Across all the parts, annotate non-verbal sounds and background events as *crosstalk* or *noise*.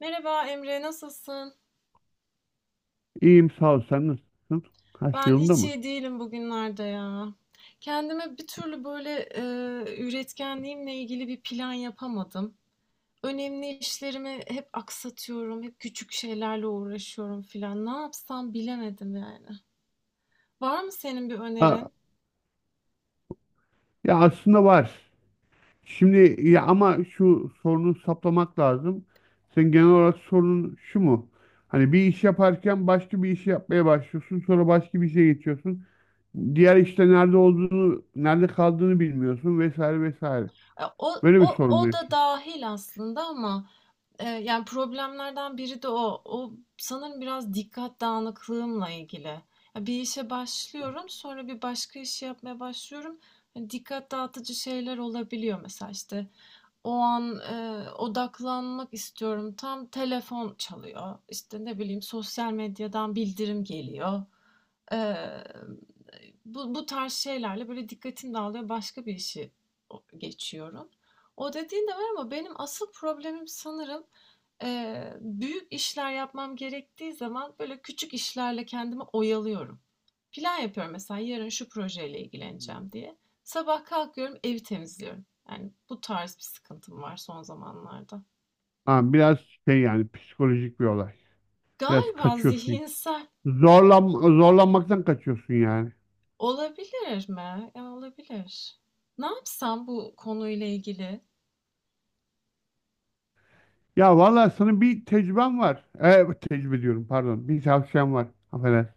Merhaba Emre, nasılsın? İyiyim sağ ol. Sen nasılsın? Her şey Ben yolunda hiç mı? iyi değilim bugünlerde ya. Kendime bir türlü böyle üretkenliğimle ilgili bir plan yapamadım. Önemli işlerimi hep aksatıyorum, hep küçük şeylerle uğraşıyorum filan. Ne yapsam bilemedim yani. Var mı senin bir Aa, önerin? ya aslında var. Şimdi ya ama şu sorunu saplamak lazım. Sen genel olarak sorunun şu mu? Hani bir iş yaparken başka bir işi yapmaya başlıyorsun. Sonra başka bir işe geçiyorsun. Diğer işte nerede olduğunu, nerede kaldığını bilmiyorsun vesaire vesaire. E, O, Böyle bir o, sorun mu o da yaşıyorsun? dahil aslında ama yani problemlerden biri de o. O sanırım biraz dikkat dağınıklığımla ilgili. Ya bir işe başlıyorum, sonra bir başka işi yapmaya başlıyorum. Yani dikkat dağıtıcı şeyler olabiliyor mesela işte. O an odaklanmak istiyorum. Tam telefon çalıyor. İşte ne bileyim sosyal medyadan bildirim geliyor. Eee, bu tarz şeylerle böyle dikkatim dağılıyor. Başka bir işi geçiyorum. O dediğin de var ama benim asıl problemim sanırım, büyük işler yapmam gerektiği zaman, böyle, küçük işlerle kendimi oyalıyorum. Plan yapıyorum mesela, yarın şu projeyle ilgileneceğim diye. Sabah kalkıyorum, evi temizliyorum. Yani bu tarz bir sıkıntım var son zamanlarda. Ha, biraz şey yani psikolojik bir olay. Biraz Galiba kaçıyorsun. zihinsel. Zorlanmaktan kaçıyorsun yani. Olabilir mi? Ya, olabilir. Ne yapsam bu konuyla ilgili? Ya vallahi sana bir tecrübem var. Tecrübe diyorum pardon. Bir tavsiyem var. Affedersin.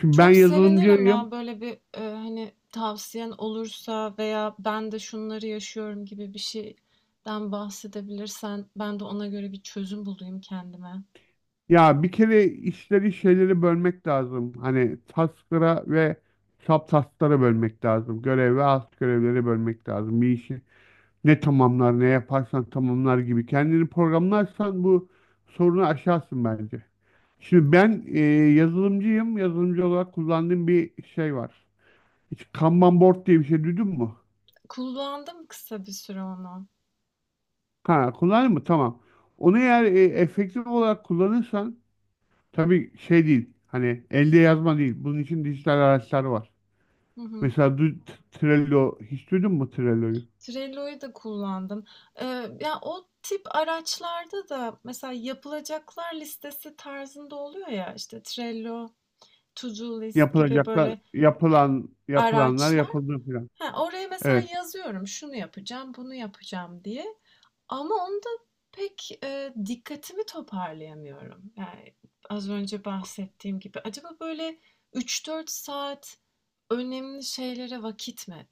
Şimdi ben Çok sevinirim yazılımcıyım. ya böyle bir, hani, tavsiyen olursa veya ben de şunları yaşıyorum gibi bir şeyden bahsedebilirsen ben de ona göre bir çözüm bulayım kendime. Ya bir kere işleri şeyleri bölmek lazım. Hani task'lara ve subtask'lara bölmek lazım. Görev ve alt görevleri bölmek lazım. Bir işi ne tamamlar ne yaparsan tamamlar gibi. Kendini programlarsan bu sorunu aşarsın bence. Şimdi ben yazılımcıyım. Yazılımcı olarak kullandığım bir şey var. Hiç Kanban board diye bir şey duydun mu? Kullandım kısa bir süre onu. Ha, kullanır mı? Tamam. Onu eğer efektif olarak kullanırsan tabii şey değil. Hani elde yazma değil. Bunun için dijital araçlar var. Hı hı. Mesela Trello hiç duydun mu Trello'yu? Trello'yu da kullandım. Ya, o tip araçlarda da mesela yapılacaklar listesi tarzında oluyor ya, işte, Trello, To Do List gibi Yapılacaklar, böyle, eee, yapılan yapılanlar araçlar. yapıldı falan. He, oraya mesela Evet. yazıyorum, şunu yapacağım, bunu yapacağım diye. Ama onda pek, dikkatimi toparlayamıyorum. Yani, az önce bahsettiğim gibi. Acaba böyle 3-4 saat önemli şeylere vakit mi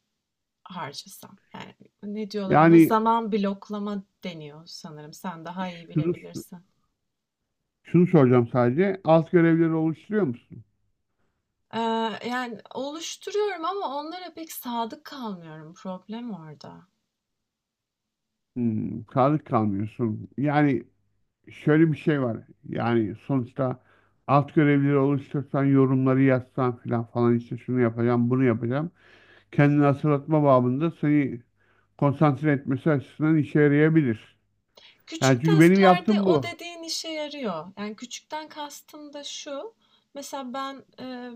harcasam? Yani, ne diyorlar ona? Yani Zaman bloklama deniyor sanırım. Sen daha iyi şunu bilebilirsin. şunu soracağım sadece. Alt görevleri oluşturuyor musun? Yani oluşturuyorum ama onlara pek sadık kalmıyorum. Problem orada. Hmm, sadık kalmıyorsun. Yani şöyle bir şey var. Yani sonuçta alt görevleri oluştursan, yorumları yazsan filan falan işte şunu yapacağım, bunu yapacağım. Kendini hatırlatma babında seni konsantre etmesi açısından işe yarayabilir. Yani Küçük çünkü benim task'larda yaptığım o bu. dediğin işe yarıyor. Yani küçükten kastım da şu. Mesela ben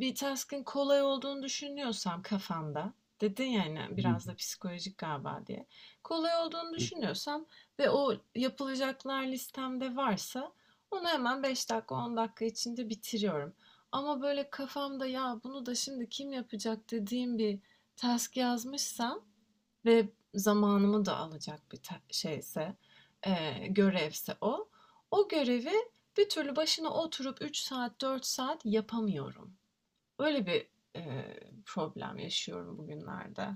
bir task'ın kolay olduğunu düşünüyorsam kafamda, dedin yani biraz da *laughs* psikolojik galiba diye. Kolay olduğunu düşünüyorsam ve o yapılacaklar listemde varsa onu hemen 5 dakika 10 dakika içinde bitiriyorum. Ama böyle kafamda ya bunu da şimdi kim yapacak dediğim bir task yazmışsam ve zamanımı da alacak bir şeyse, görevse o. O görevi bir türlü başına oturup 3 saat, 4 saat yapamıyorum. Öyle bir eee, problem yaşıyorum bugünlerde.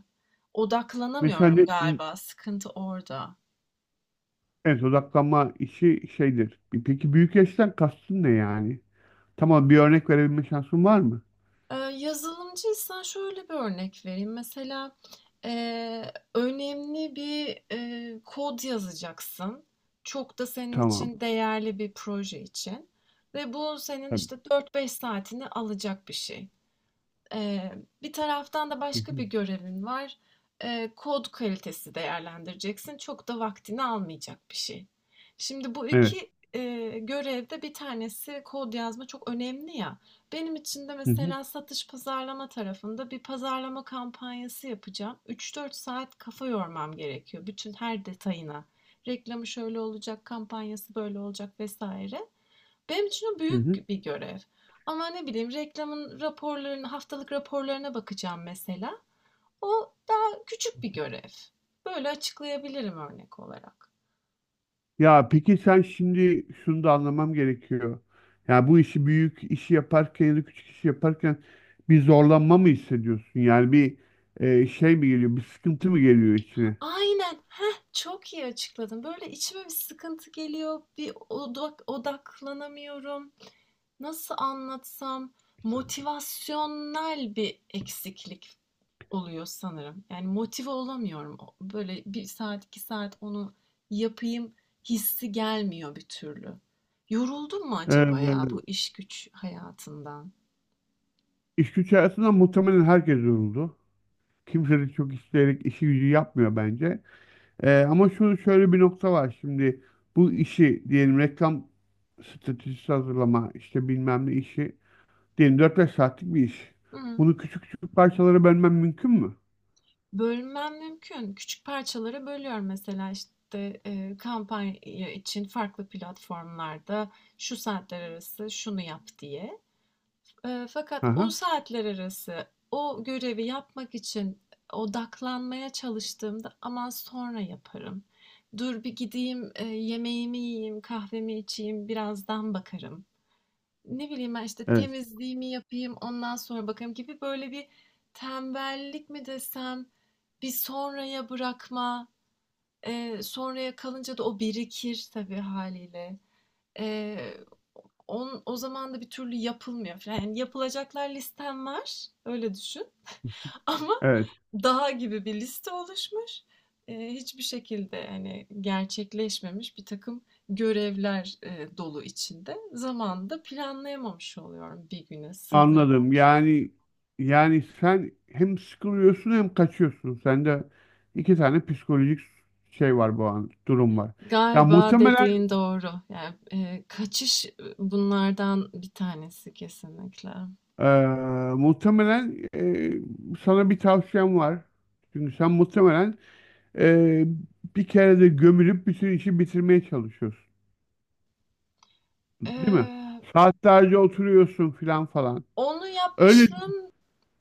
Mesela Odaklanamıyorum galiba, sıkıntı orada. evet odaklanma işi şeydir. E peki büyük yaştan kastın ne yani? Tamam, bir örnek verebilme şansın var mı? Yazılımcıysan şöyle bir örnek vereyim. Mesela önemli bir kod yazacaksın. Çok da senin Tamam. için değerli bir proje için. Ve bu senin Tabii. işte 4-5 saatini alacak bir şey. Eee, bir taraftan da Hı başka bir hı. görevin var. Kod kalitesi değerlendireceksin. Çok da vaktini almayacak bir şey. Şimdi bu Evet. iki görevde bir tanesi kod yazma çok önemli ya. Benim için de Hı hı. mesela satış pazarlama tarafında bir pazarlama kampanyası yapacağım. 3-4 saat kafa yormam gerekiyor bütün her detayına. Reklamı şöyle olacak, kampanyası böyle olacak vesaire. Benim için o Hı hı. büyük bir görev. Ama ne bileyim reklamın raporlarına, haftalık raporlarına bakacağım mesela. O daha küçük bir görev. Böyle açıklayabilirim örnek olarak. Ya peki sen şimdi şunu da anlamam gerekiyor. Yani bu işi büyük işi yaparken ya da küçük işi yaparken bir zorlanma mı hissediyorsun? Yani bir şey mi geliyor, bir sıkıntı mı geliyor içine? Aynen. Heh, çok iyi açıkladın. Böyle içime bir sıkıntı geliyor. Bir odaklanamıyorum. Nasıl anlatsam? Motivasyonel bir eksiklik oluyor sanırım. Yani motive olamıyorum. Böyle 1 saat, 2 saat onu yapayım hissi gelmiyor bir türlü. Yoruldum mu acaba ya bu Ee, iş güç hayatından? iş güç hayatında muhtemelen herkes yoruldu. Kimse de çok isteyerek işi gücü yapmıyor bence. Ama şu şöyle bir nokta var şimdi. Bu işi diyelim reklam stratejisi hazırlama işte bilmem ne işi diyelim dört beş saatlik bir iş. Hı. Bunu küçük küçük parçalara bölmem mümkün mü? Bölmem mümkün. Küçük parçalara bölüyorum mesela işte kampanya için farklı platformlarda şu saatler arası şunu yap diye. Fakat o Aha, saatler arası o görevi yapmak için odaklanmaya çalıştığımda aman sonra yaparım. Dur bir gideyim yemeğimi yiyeyim, kahvemi içeyim, birazdan bakarım. Ne bileyim ben işte evet, temizliğimi yapayım, ondan sonra bakarım gibi böyle bir tembellik mi desem, bir sonraya bırakma, sonraya kalınca da o birikir tabii haliyle. Eee, on o zaman da bir türlü yapılmıyor filan. Yani yapılacaklar listem var, öyle düşün *laughs* ama evet. dağ gibi bir liste oluşmuş. Hiçbir şekilde, hani, gerçekleşmemiş bir takım görevler, dolu içinde. Zamanı da planlayamamış oluyorum, bir güne Anladım. sığdıramamış Yani oluyorum. yani sen hem sıkılıyorsun hem kaçıyorsun. Sende iki tane psikolojik şey var bu an durum var. Ya Galiba muhtemelen dediğin doğru. Yani, kaçış, bunlardan bir tanesi kesinlikle. eee, muhtemelen eee, sana bir tavsiyem var. Çünkü sen muhtemelen eee, bir kere de gömülüp bütün işi bitirmeye çalışıyorsun, değil mi? Eee, Saatlerce oturuyorsun filan falan. onu Öyle yapmışlığım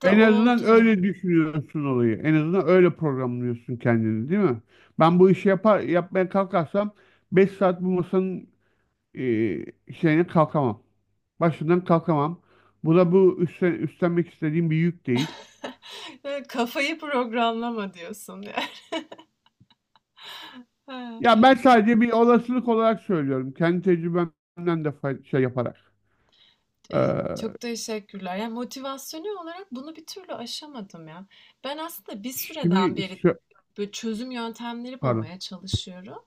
da En azından oldu. öyle düşünüyorsun olayı. En azından öyle programlıyorsun kendini, değil mi? Ben bu işi yapmaya kalkarsam 5 saat bu masanın e, şeyine kalkamam. Başından kalkamam. Bu da bu üstlenmek istediğim bir yük değil. Kafayı programlama diyorsun ya. *laughs* He. Ya ben sadece bir olasılık olarak söylüyorum. Kendi tecrübemden de şey yaparak. Eee, Ee, çok teşekkürler. Ya, motivasyonu olarak bunu bir türlü aşamadım ya. Ben aslında bir süreden şimdi beri şu, böyle çözüm yöntemleri pardon, bulmaya çalışıyorum.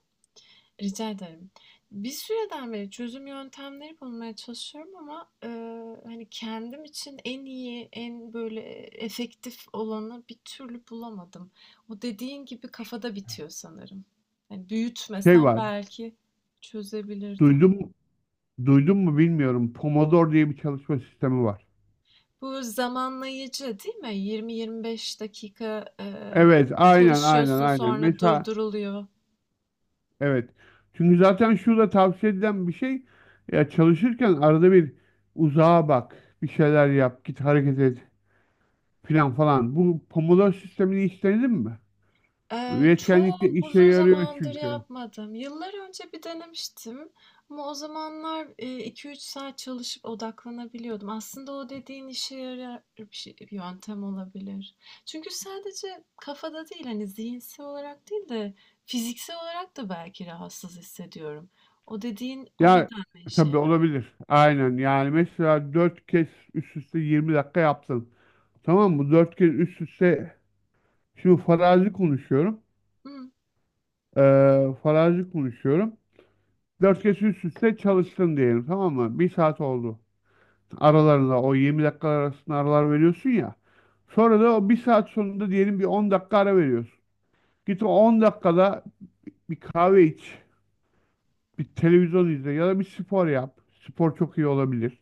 Rica ederim. Bir süreden beri çözüm yöntemleri bulmaya çalışıyorum ama hani kendim için en iyi, en böyle efektif olanı bir türlü bulamadım. O dediğin gibi kafada bitiyor sanırım. Yani şey büyütmesem var. belki çözebilirdim. Duydum, duydum mu bilmiyorum. Pomodoro diye bir çalışma sistemi var. Bu zamanlayıcı değil mi? 20-25 dakika Evet, aynen aynen çalışıyorsun aynen. sonra Mesela durduruluyor. Evet. Çünkü zaten şurada tavsiye edilen bir şey ya çalışırken arada bir uzağa bak, bir şeyler yap, git hareket et filan falan. Bu Pomodoro sistemini hiç denedin mi? Bu Çok üretkenlikte işe uzun yarıyor zamandır çünkü. yapmadım. Yıllar önce bir denemiştim ama o zamanlar 2-3 saat çalışıp odaklanabiliyordum. Aslında o dediğin işe yarar bir bir yöntem olabilir. Çünkü sadece kafada değil hani zihinsel olarak değil de fiziksel olarak da belki rahatsız hissediyorum. O dediğin o Ya nedenle işe tabii yarar. olabilir. Aynen. Yani mesela 4 kez üst üste 20 dakika yaptın. Tamam mı? Dört kez üst üste şimdi farazi konuşuyorum. Hı. Farazi konuşuyorum. 4 kez üst üste çalıştın diyelim, tamam mı? Bir saat oldu. Aralarında o 20 dakika arasında aralar veriyorsun ya. Sonra da o bir saat sonunda diyelim bir 10 dakika ara veriyorsun. Git o 10 dakikada bir kahve iç, bir televizyon izle ya da bir spor yap. Spor çok iyi olabilir.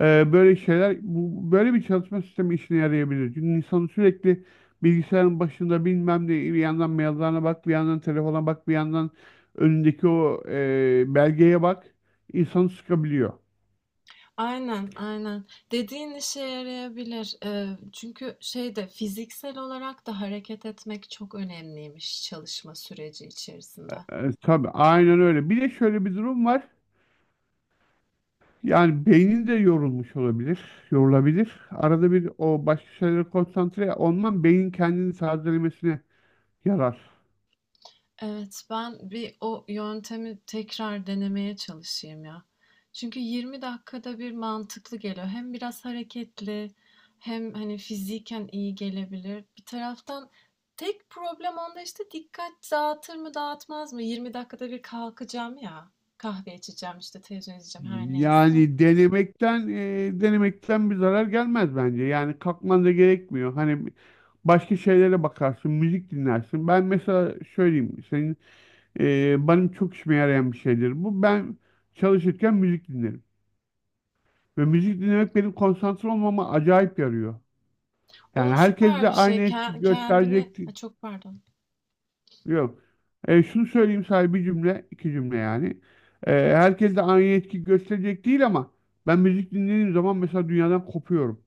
Böyle bir çalışma sistemi işine yarayabilir. Çünkü insanı sürekli bilgisayarın başında bilmem ne bir yandan maillerine bak, bir yandan telefona bak, bir yandan önündeki o belgeye bak. İnsanı sıkabiliyor. Aynen, aynen. Dediğin işe yarayabilir. Çünkü şeyde fiziksel olarak da hareket etmek çok önemliymiş çalışma süreci içerisinde. Tabii aynen öyle. Bir de şöyle bir durum var. Yani beynin de yorulmuş olabilir, yorulabilir. Arada bir o başka şeylere konsantre olman beynin kendini tazelemesine yarar. Evet, ben bir o yöntemi tekrar denemeye çalışayım ya. Çünkü 20 dakikada bir mantıklı geliyor. Hem biraz hareketli, hem hani fiziken iyi gelebilir. Bir taraftan tek problem onda işte dikkat dağıtır mı dağıtmaz mı? 20 dakikada bir kalkacağım ya. Kahve içeceğim işte televizyon izleyeceğim her neyse. Yani denemekten bir zarar gelmez bence. Yani kalkman da gerekmiyor. Hani başka şeylere bakarsın, müzik dinlersin. Ben mesela söyleyeyim, benim çok işime yarayan bir şeydir. Bu ben çalışırken müzik dinlerim. Ve müzik dinlemek benim konsantre olmama acayip yarıyor. Yani O herkes süper de bir şey. aynı etki Kendini... gösterecek Ay, çok pardon. Yok. Şunu söyleyeyim sadece bir cümle, iki cümle yani. Herkes de aynı etki gösterecek değil, ama ben müzik dinlediğim zaman mesela dünyadan kopuyorum.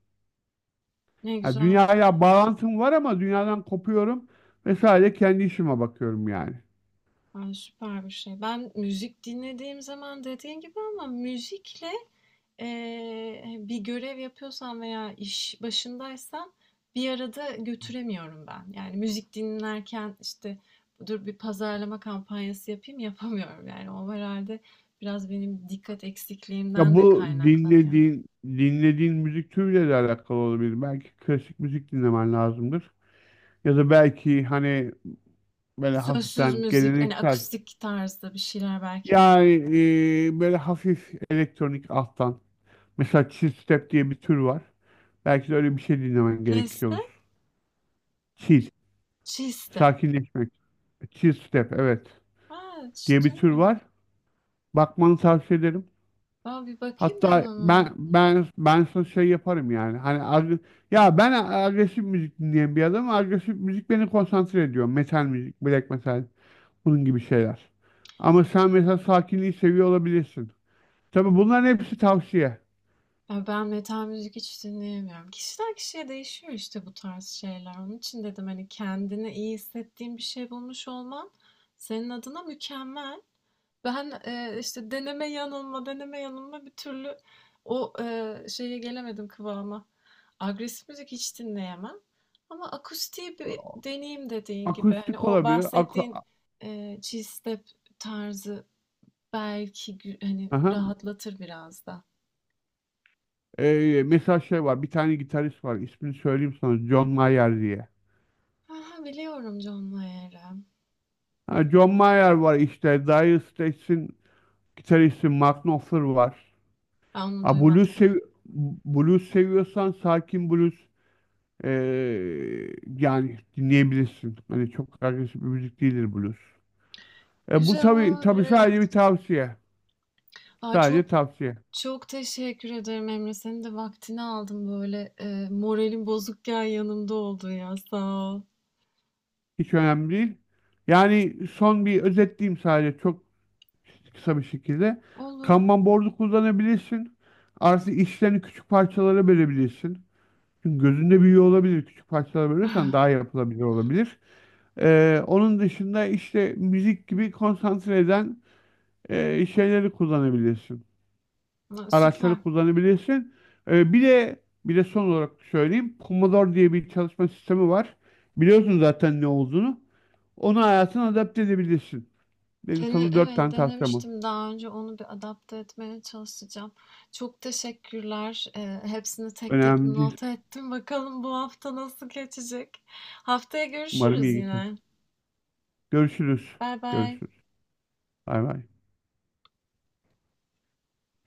Ne Ha, güzel. dünyaya bağlantım var ama dünyadan kopuyorum ve sadece kendi işime bakıyorum yani. Ay, süper bir şey. Ben müzik dinlediğim zaman dediğin gibi ama müzikle, hani, bir görev yapıyorsam veya iş başındaysam bir arada götüremiyorum ben. Yani müzik dinlerken işte dur bir pazarlama kampanyası yapayım *laughs* yapamıyorum. Yani o herhalde biraz benim dikkat Ya eksikliğimden de bu kaynaklanıyor. dinlediğin müzik türüyle de alakalı olabilir. Belki klasik müzik dinlemen lazımdır. Ya da belki hani böyle Sözsüz hafiften müzik, hani geleneksel. akustik tarzda bir şeyler belki olur. Yani böyle hafif elektronik alttan. Mesela chill step diye bir tür var. Belki de öyle bir şey dinlemen Leste, gerekiyor. Chill. çiste. Sakinleşmek. Chill step, evet. Ha, hiç Diye bir tür duymadım. var. Bakmanı tavsiye ederim. Aa, bir bakayım ben Hatta ona. ben sana şey yaparım yani. Hani ya ben agresif müzik dinleyen bir adamım. Agresif müzik beni konsantre ediyor. Metal müzik, black metal Bunun gibi şeyler. Ama sen mesela sakinliği seviyor olabilirsin. Tabii bunların hepsi tavsiye. Ya, ben metal müzik hiç dinleyemiyorum. Kişiden kişiye değişiyor işte bu tarz şeyler. Onun için dedim, hani, kendini iyi hissettiğin bir şey bulmuş olman senin adına mükemmel. Ben, işte, deneme yanılma, deneme yanılma bir türlü o, şeye gelemedim, kıvama. Agresif müzik hiç dinleyemem ama akustiği bir deneyim dediğin gibi. Hani, Akustik o olabilir. Aku bahsettiğin, chill step tarzı belki hani, Aha. rahatlatır biraz da. Mesela şey var. Bir tane gitarist var. İsmini söyleyeyim sana. John Mayer diye. Hı, biliyorum John Mayer'ı. Ha, John Mayer var işte. Dire Straits'in gitaristi Mark Knopfler var. Ben onu Ha, duymadım. Blues seviyorsan sakin blues ee, yani dinleyebilirsin. Hani çok agresif bir müzik değildir blues. Bu Güzel tabii olabilir, tabii sadece bir evet. tavsiye. Ay, Sadece çok tavsiye. çok teşekkür ederim Emre. Senin de vaktini aldım böyle moralim bozukken yanımda oldun ya. Sağ ol. Hiç önemli değil. Yani son bir özetleyeyim sadece çok kısa bir şekilde. Olur. *sighs* Kanban board'u kullanabilirsin. Artı işlerini küçük parçalara bölebilirsin. Çünkü gözünde büyüyor olabilir. Küçük parçalara bölürsen Ah, daha yapılabilir olabilir. Onun dışında işte müzik gibi konsantre eden şeyleri kullanabilirsin. ama Araçları süper. kullanabilirsin. Ee, bir de bir de son olarak söyleyeyim. Pomodoro diye bir çalışma sistemi var. Biliyorsun zaten ne olduğunu. Onu hayatına adapte edebilirsin. Benim Dene, sana dört evet tane tavsiyem var. denemiştim daha önce onu bir adapte etmeye çalışacağım. Çok teşekkürler. Hepsini tek tek Önemli değil. not ettim. Bakalım bu hafta nasıl geçecek. Haftaya Umarım görüşürüz iyi geçer. yine. Görüşürüz. Bay bay. Görüşürüz. Bay bay.